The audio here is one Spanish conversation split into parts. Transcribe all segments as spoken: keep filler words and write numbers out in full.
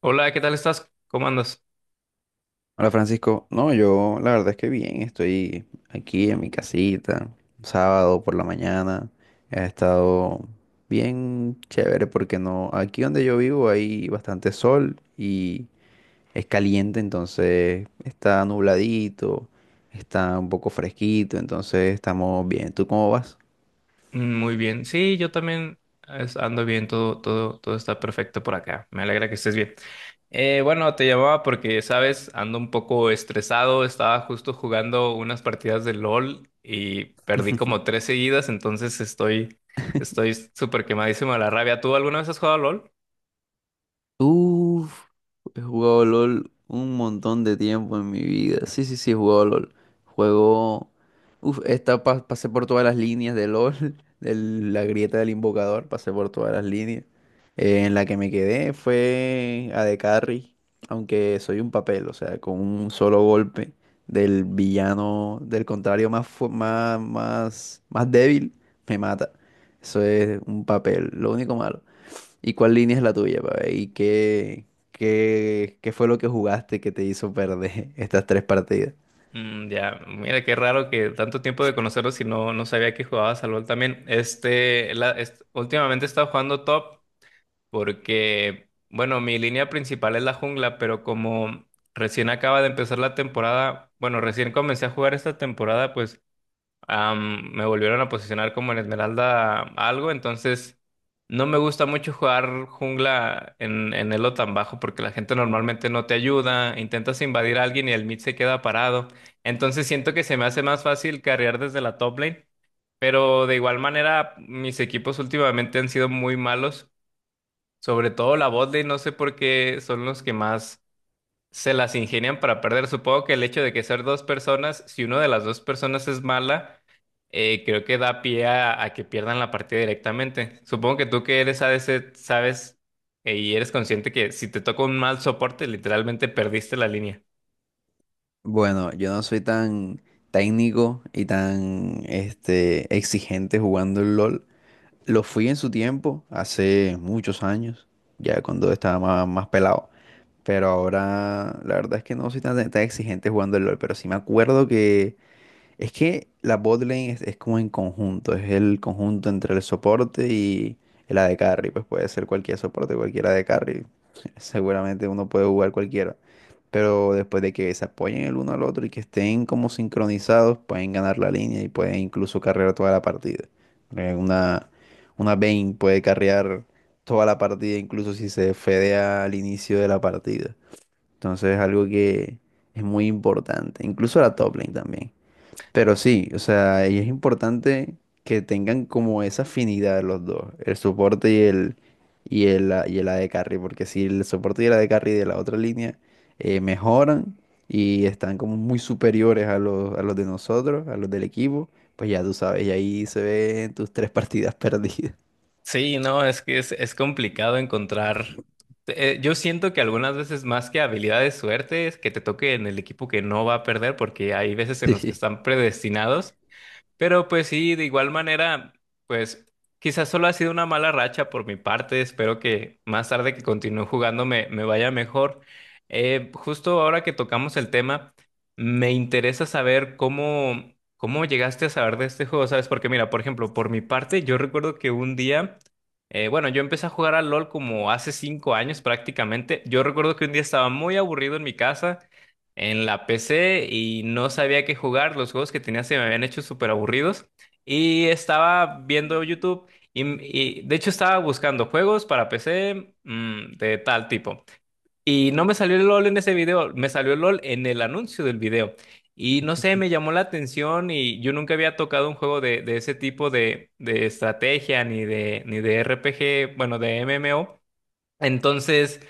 Hola, ¿qué tal estás? ¿Cómo andas? Hola Francisco, no, yo la verdad es que bien, estoy aquí en mi casita, sábado por la mañana, ha estado bien chévere porque no, aquí donde yo vivo hay bastante sol y es caliente, entonces está nubladito, está un poco fresquito, entonces estamos bien. ¿Tú cómo vas? Mm, Muy bien. Sí, yo también es- ando bien, todo, todo, todo está perfecto por acá. Me alegra que estés bien. Eh, bueno, te llamaba porque, sabes, ando un poco estresado. Estaba justo jugando unas partidas de LOL y perdí como tres seguidas, entonces estoy, estoy súper quemadísimo de la rabia. ¿Tú alguna vez has jugado a LOL? Uf, he jugado LOL un montón de tiempo en mi vida. Sí, sí, sí, he jugado LOL. Juego. Uf, esta pa- pasé por todas las líneas de LOL, de la grieta del invocador, pasé por todas las líneas. Eh, en la que me quedé fue a de Carry, aunque soy un papel, o sea, con un solo golpe del villano, del contrario más, fu- más, más, más débil, me mata. Eso es un papel, lo único malo. ¿Y cuál línea es la tuya, pa' ver? ¿Y qué, qué, qué fue lo que jugaste que te hizo perder estas tres partidas? Mm, ya, mira qué raro que tanto tiempo de conocerlos y no, no sabía que jugabas al LOL también. Este, la, est- últimamente he estado jugando top, porque, bueno, mi línea principal es la jungla, pero como recién acaba de empezar la temporada, bueno, recién comencé a jugar esta temporada, pues am, me volvieron a posicionar como en Esmeralda algo, entonces no me gusta mucho jugar jungla en, en elo tan bajo porque la gente normalmente no te ayuda, intentas invadir a alguien y el mid se queda parado, entonces siento que se me hace más fácil carrear desde la top lane. Pero de igual manera, mis equipos últimamente han sido muy malos. Sobre todo la botlane, no sé por qué son los que más se las ingenian para perder. Supongo que el hecho de que ser dos personas, si una de las dos personas es mala, eh, creo que da pie a, a que pierdan la partida directamente. Supongo que tú que eres a ADC sabes eh, y eres consciente que si te toca un mal soporte, literalmente perdiste la línea. Bueno, yo no soy tan técnico y tan este, exigente jugando el LOL. Lo fui en su tiempo, hace muchos años, ya cuando estaba más, más pelado. Pero ahora la verdad es que no soy tan, tan exigente jugando el LOL, pero sí me acuerdo que es que la botlane es, es como en conjunto, es el conjunto entre el soporte y el A D carry, pues puede ser cualquier soporte, cualquier A D carry. Seguramente uno puede jugar cualquiera, pero después de que se apoyen el uno al otro y que estén como sincronizados, pueden ganar la línea y pueden incluso carrear toda la partida. Eh, Una, una Vayne puede carrear toda la partida, incluso si se fedea al inicio de la partida. Entonces es algo que es muy importante, incluso la top lane también. Pero sí, o sea, y es importante que tengan como esa afinidad los dos, el soporte y el y el, a- y el A D carry, porque si el soporte y el A D carry de la otra línea eh, mejoran y están como muy superiores a los, a los de nosotros, a los del equipo, pues ya tú sabes, y ahí se ven tus tres partidas perdidas. Sí, no, es que es, es complicado encontrar. Eh, yo siento que algunas veces más que habilidad de suerte es que te toque en el equipo que no va a perder, porque hay veces en los que Sí. están predestinados, pero pues sí, de igual manera, pues quizás solo ha sido una mala racha por mi parte. Espero que más tarde que continúe jugando me, me vaya mejor. Eh, justo ahora que tocamos el tema, me interesa saber cómo, cómo llegaste a saber de este juego, ¿sabes? Porque mira, por ejemplo, por mi parte, yo recuerdo que un día, eh, bueno, yo empecé a jugar al LOL como hace cinco años prácticamente. Yo recuerdo que un día estaba muy aburrido en mi casa en la P C y no sabía qué jugar. Los juegos que tenía se me habían hecho súper aburridos. Y estaba viendo YouTube y, y, de hecho estaba buscando juegos para P C mm, de tal tipo. Y no me salió el LOL en ese video, me salió el LOL en el anuncio del video. Y no sé, me llamó la atención y yo nunca había tocado un juego de, de ese tipo de, de estrategia ni de, ni de R P G, bueno, de M M O. Entonces,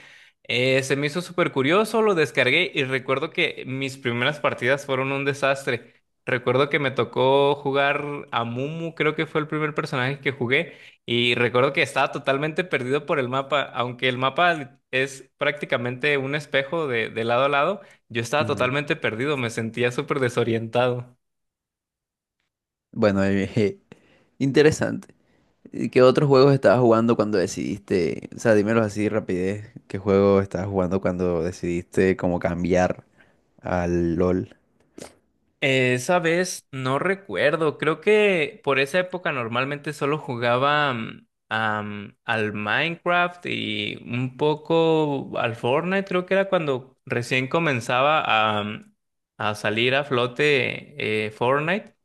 eh, se me hizo súper curioso, lo descargué y recuerdo que mis primeras partidas fueron un desastre. Recuerdo que me tocó jugar a Mumu, creo que fue el primer personaje que jugué, y recuerdo que estaba totalmente perdido por el mapa, aunque el mapa es prácticamente un espejo de, de lado a lado, yo estaba Ujú. totalmente perdido, me sentía súper desorientado. Bueno, eh, interesante. ¿Y qué otros juegos estabas jugando cuando decidiste? O sea, dímelo así de rapidez. ¿Qué juego estabas jugando cuando decidiste como cambiar al LOL? Esa vez no recuerdo, creo que por esa época normalmente solo jugaba mm, am, al Minecraft y un poco al Fortnite, creo que era cuando recién comenzaba a, mm, a salir a flote eh, Fortnite,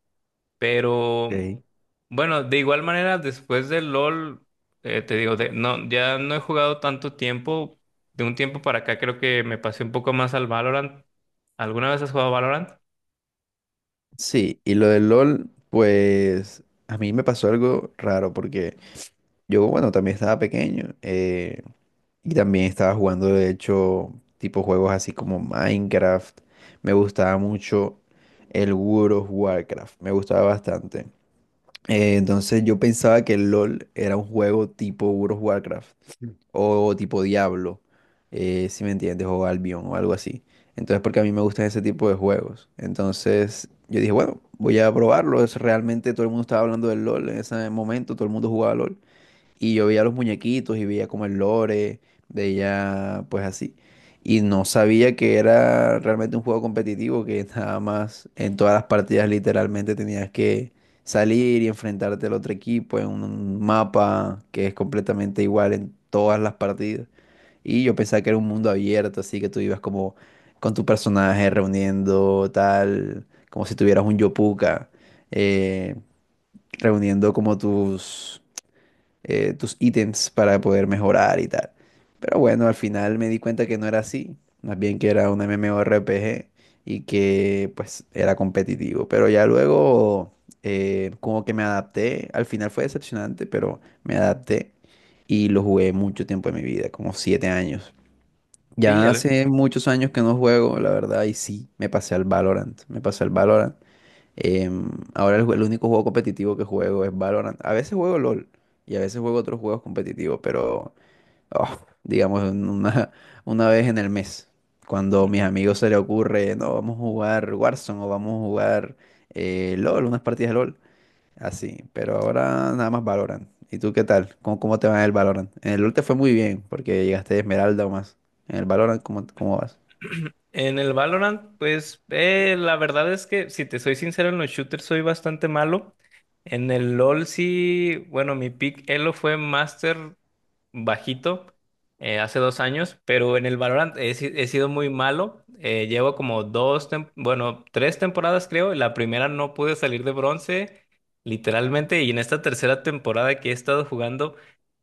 pero Ok. bueno, de igual manera después del LOL, eh, te digo, de- no, ya no he jugado tanto tiempo, de un tiempo para acá creo que me pasé un poco más al Valorant. ¿Alguna vez has jugado Valorant? Sí, y lo del LOL, pues a mí me pasó algo raro porque yo, bueno, también estaba pequeño eh, y también estaba jugando, de hecho, tipo juegos así como Minecraft. Me gustaba mucho el World of Warcraft, me gustaba bastante. Eh, entonces yo pensaba que el LOL era un juego tipo World of Warcraft o tipo Diablo, eh, si me entiendes, o Albion o algo así. Entonces porque a mí me gustan ese tipo de juegos. Entonces yo dije, bueno, voy a probarlo. Es, realmente todo el mundo estaba hablando del LOL en ese momento, todo el mundo jugaba LOL. Y yo veía los muñequitos y veía como el lore, veía pues así. Y no sabía que era realmente un juego competitivo, que nada más en todas las partidas literalmente tenías que salir y enfrentarte al otro equipo en un mapa que es completamente igual en todas las partidas. Y yo pensaba que era un mundo abierto, así que tú ibas como con tu personaje reuniendo tal, como si tuvieras un Yopuka, eh, reuniendo como tus eh, tus ítems para poder mejorar y tal. Pero bueno, al final me di cuenta que no era así, más bien que era un MMORPG y que pues era competitivo. Pero ya luego eh, como que me adapté, al final fue decepcionante, pero me adapté y lo jugué mucho tiempo de mi vida, como siete años. Sí. Ya hace muchos años que no juego, la verdad, y sí, me pasé al Valorant, me pasé al Valorant. Em, ahora el, jue- el único juego competitivo que juego es Valorant. A veces juego LOL y a veces juego otros juegos competitivos, pero oh, digamos en una, una vez en el mes, cuando a mis amigos se les ocurre, no, vamos a jugar Warzone o vamos a jugar eh, LOL, unas partidas de LOL, así. Pero ahora nada más Valorant. ¿Y tú qué tal? ¿Cómo, cómo te va en el Valorant? En el LOL te fue muy bien porque llegaste de Esmeralda o más. En el Valorant, ¿cómo, cómo vas? En el Valorant, pues eh, la verdad es que si te soy sincero en los shooters soy bastante malo. En el LoL sí, bueno, mi pick Elo fue Master bajito eh, hace dos años, pero en el Valorant he, si- he sido muy malo. Eh, llevo como dos, tem- bueno, tres temporadas creo. La primera no pude salir de bronce, literalmente, y en esta tercera temporada que he estado jugando,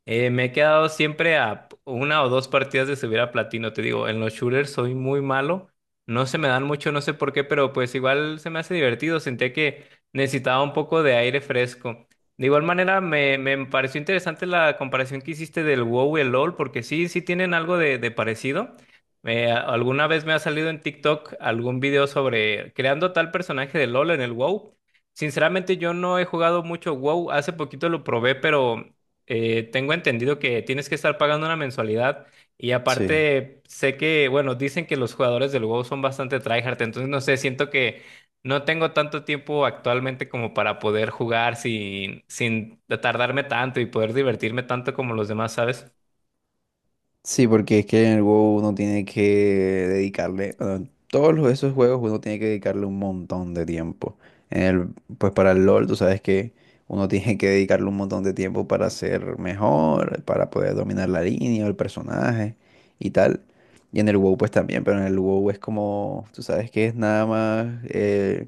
eh, me he quedado siempre a p- una o dos partidas de subir a platino. Te digo, en los shooters soy muy malo. No se me dan mucho, no sé por qué, pero pues igual se me hace divertido. Sentía que necesitaba un poco de aire fresco. De igual manera, me, me pareció interesante la comparación que hiciste del WoW y el LoL, porque sí, sí tienen algo de, de parecido. Me- a- alguna vez me ha salido en TikTok algún video sobre creando tal personaje de LoL en el WoW. Sinceramente, yo no he jugado mucho WoW. Hace poquito lo probé, pero eh, tengo entendido que tienes que estar pagando una mensualidad. Y Sí. aparte, sé que, bueno, dicen que los jugadores del WoW son bastante tryhard, entonces no sé, siento que no tengo tanto tiempo actualmente como para poder jugar sin, sin tardarme tanto y poder divertirme tanto como los demás, ¿sabes? Sí, porque es que en el WoW uno tiene que dedicarle, bueno, todos los- esos juegos uno tiene que dedicarle un montón de tiempo. En el, pues para el LoL, tú sabes que uno tiene que dedicarle un montón de tiempo para ser mejor, para poder dominar la línea o el personaje y tal. Y en el WoW pues también, pero en el WoW es como, tú sabes que es nada más, eh,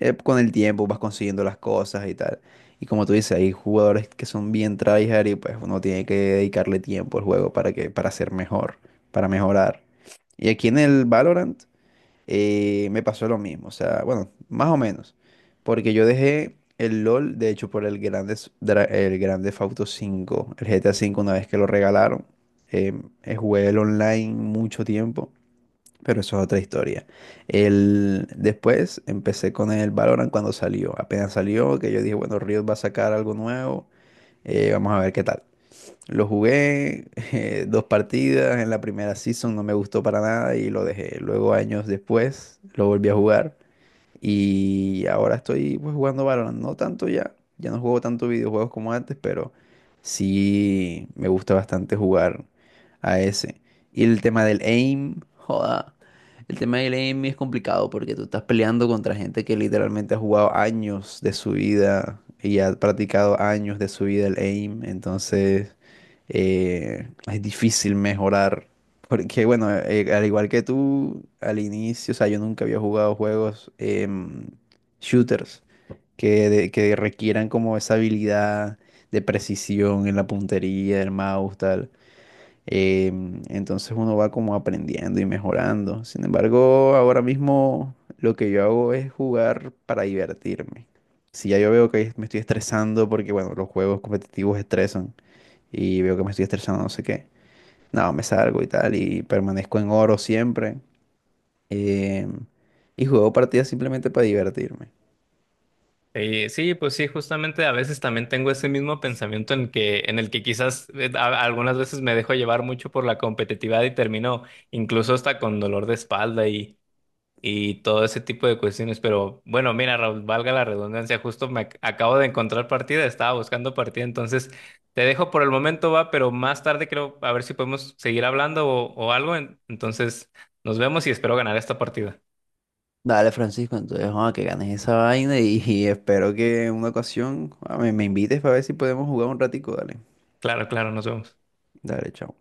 eh, con el tiempo vas consiguiendo las cosas y tal. Y como tú dices, hay jugadores que son bien tryhard y pues uno tiene que dedicarle tiempo al juego para que, para ser mejor, para mejorar. Y aquí en el Valorant eh, me pasó lo mismo, o sea, bueno, más o menos, porque yo dejé el LOL, de hecho, por el grande, el grande Auto cinco el G T A cinco una vez que lo regalaron, eh, eh, jugué el online mucho tiempo pero eso es otra historia. El, después empecé con el Valorant cuando salió. Apenas salió, que yo dije, bueno, Riot va a sacar algo nuevo, eh, vamos a ver qué tal. Lo jugué eh, dos partidas, en la primera season no me gustó para nada y lo dejé. Luego, años después, lo volví a jugar y ahora estoy pues, jugando Valorant. No tanto ya. Ya no juego tanto videojuegos como antes, pero sí me gusta bastante jugar a ese. Y el tema del aim, joda. El tema del aim es complicado porque tú estás peleando contra gente que literalmente ha jugado años de su vida y ha practicado años de su vida el aim. Entonces eh, es difícil mejorar porque bueno, eh, al igual que tú, al inicio, o sea, yo nunca había jugado juegos em, shooters que, de- que requieran como esa habilidad de precisión en la puntería, del mouse, tal. Em, entonces uno va como aprendiendo y mejorando. Sin embargo, ahora mismo lo que yo hago es jugar para divertirme. Si ya yo veo que me estoy estresando, porque bueno, los juegos competitivos estresan y veo que me estoy estresando, no sé qué. No, me salgo y tal, y permanezco en oro siempre. eh, y juego partidas simplemente para divertirme. Eh, sí, pues sí, justamente a veces también tengo ese mismo pensamiento en que, en el que quizás eh, a- algunas veces me dejo llevar mucho por la competitividad y termino incluso hasta con dolor de espalda y todo ese tipo de cuestiones. Pero bueno, mira, Raúl, valga la redundancia, justo me ac- acabo de encontrar partida, estaba buscando partida, entonces te dejo por el momento, va, pero más tarde creo a ver si podemos seguir hablando o, o algo. en- Entonces, nos vemos y espero ganar esta partida. Dale, Francisco, entonces, ah, que ganes esa vaina y, y espero que en una ocasión ah, me, me invites para ver si podemos jugar un ratico, dale. Claro, claro, nos vemos. Dale, chao.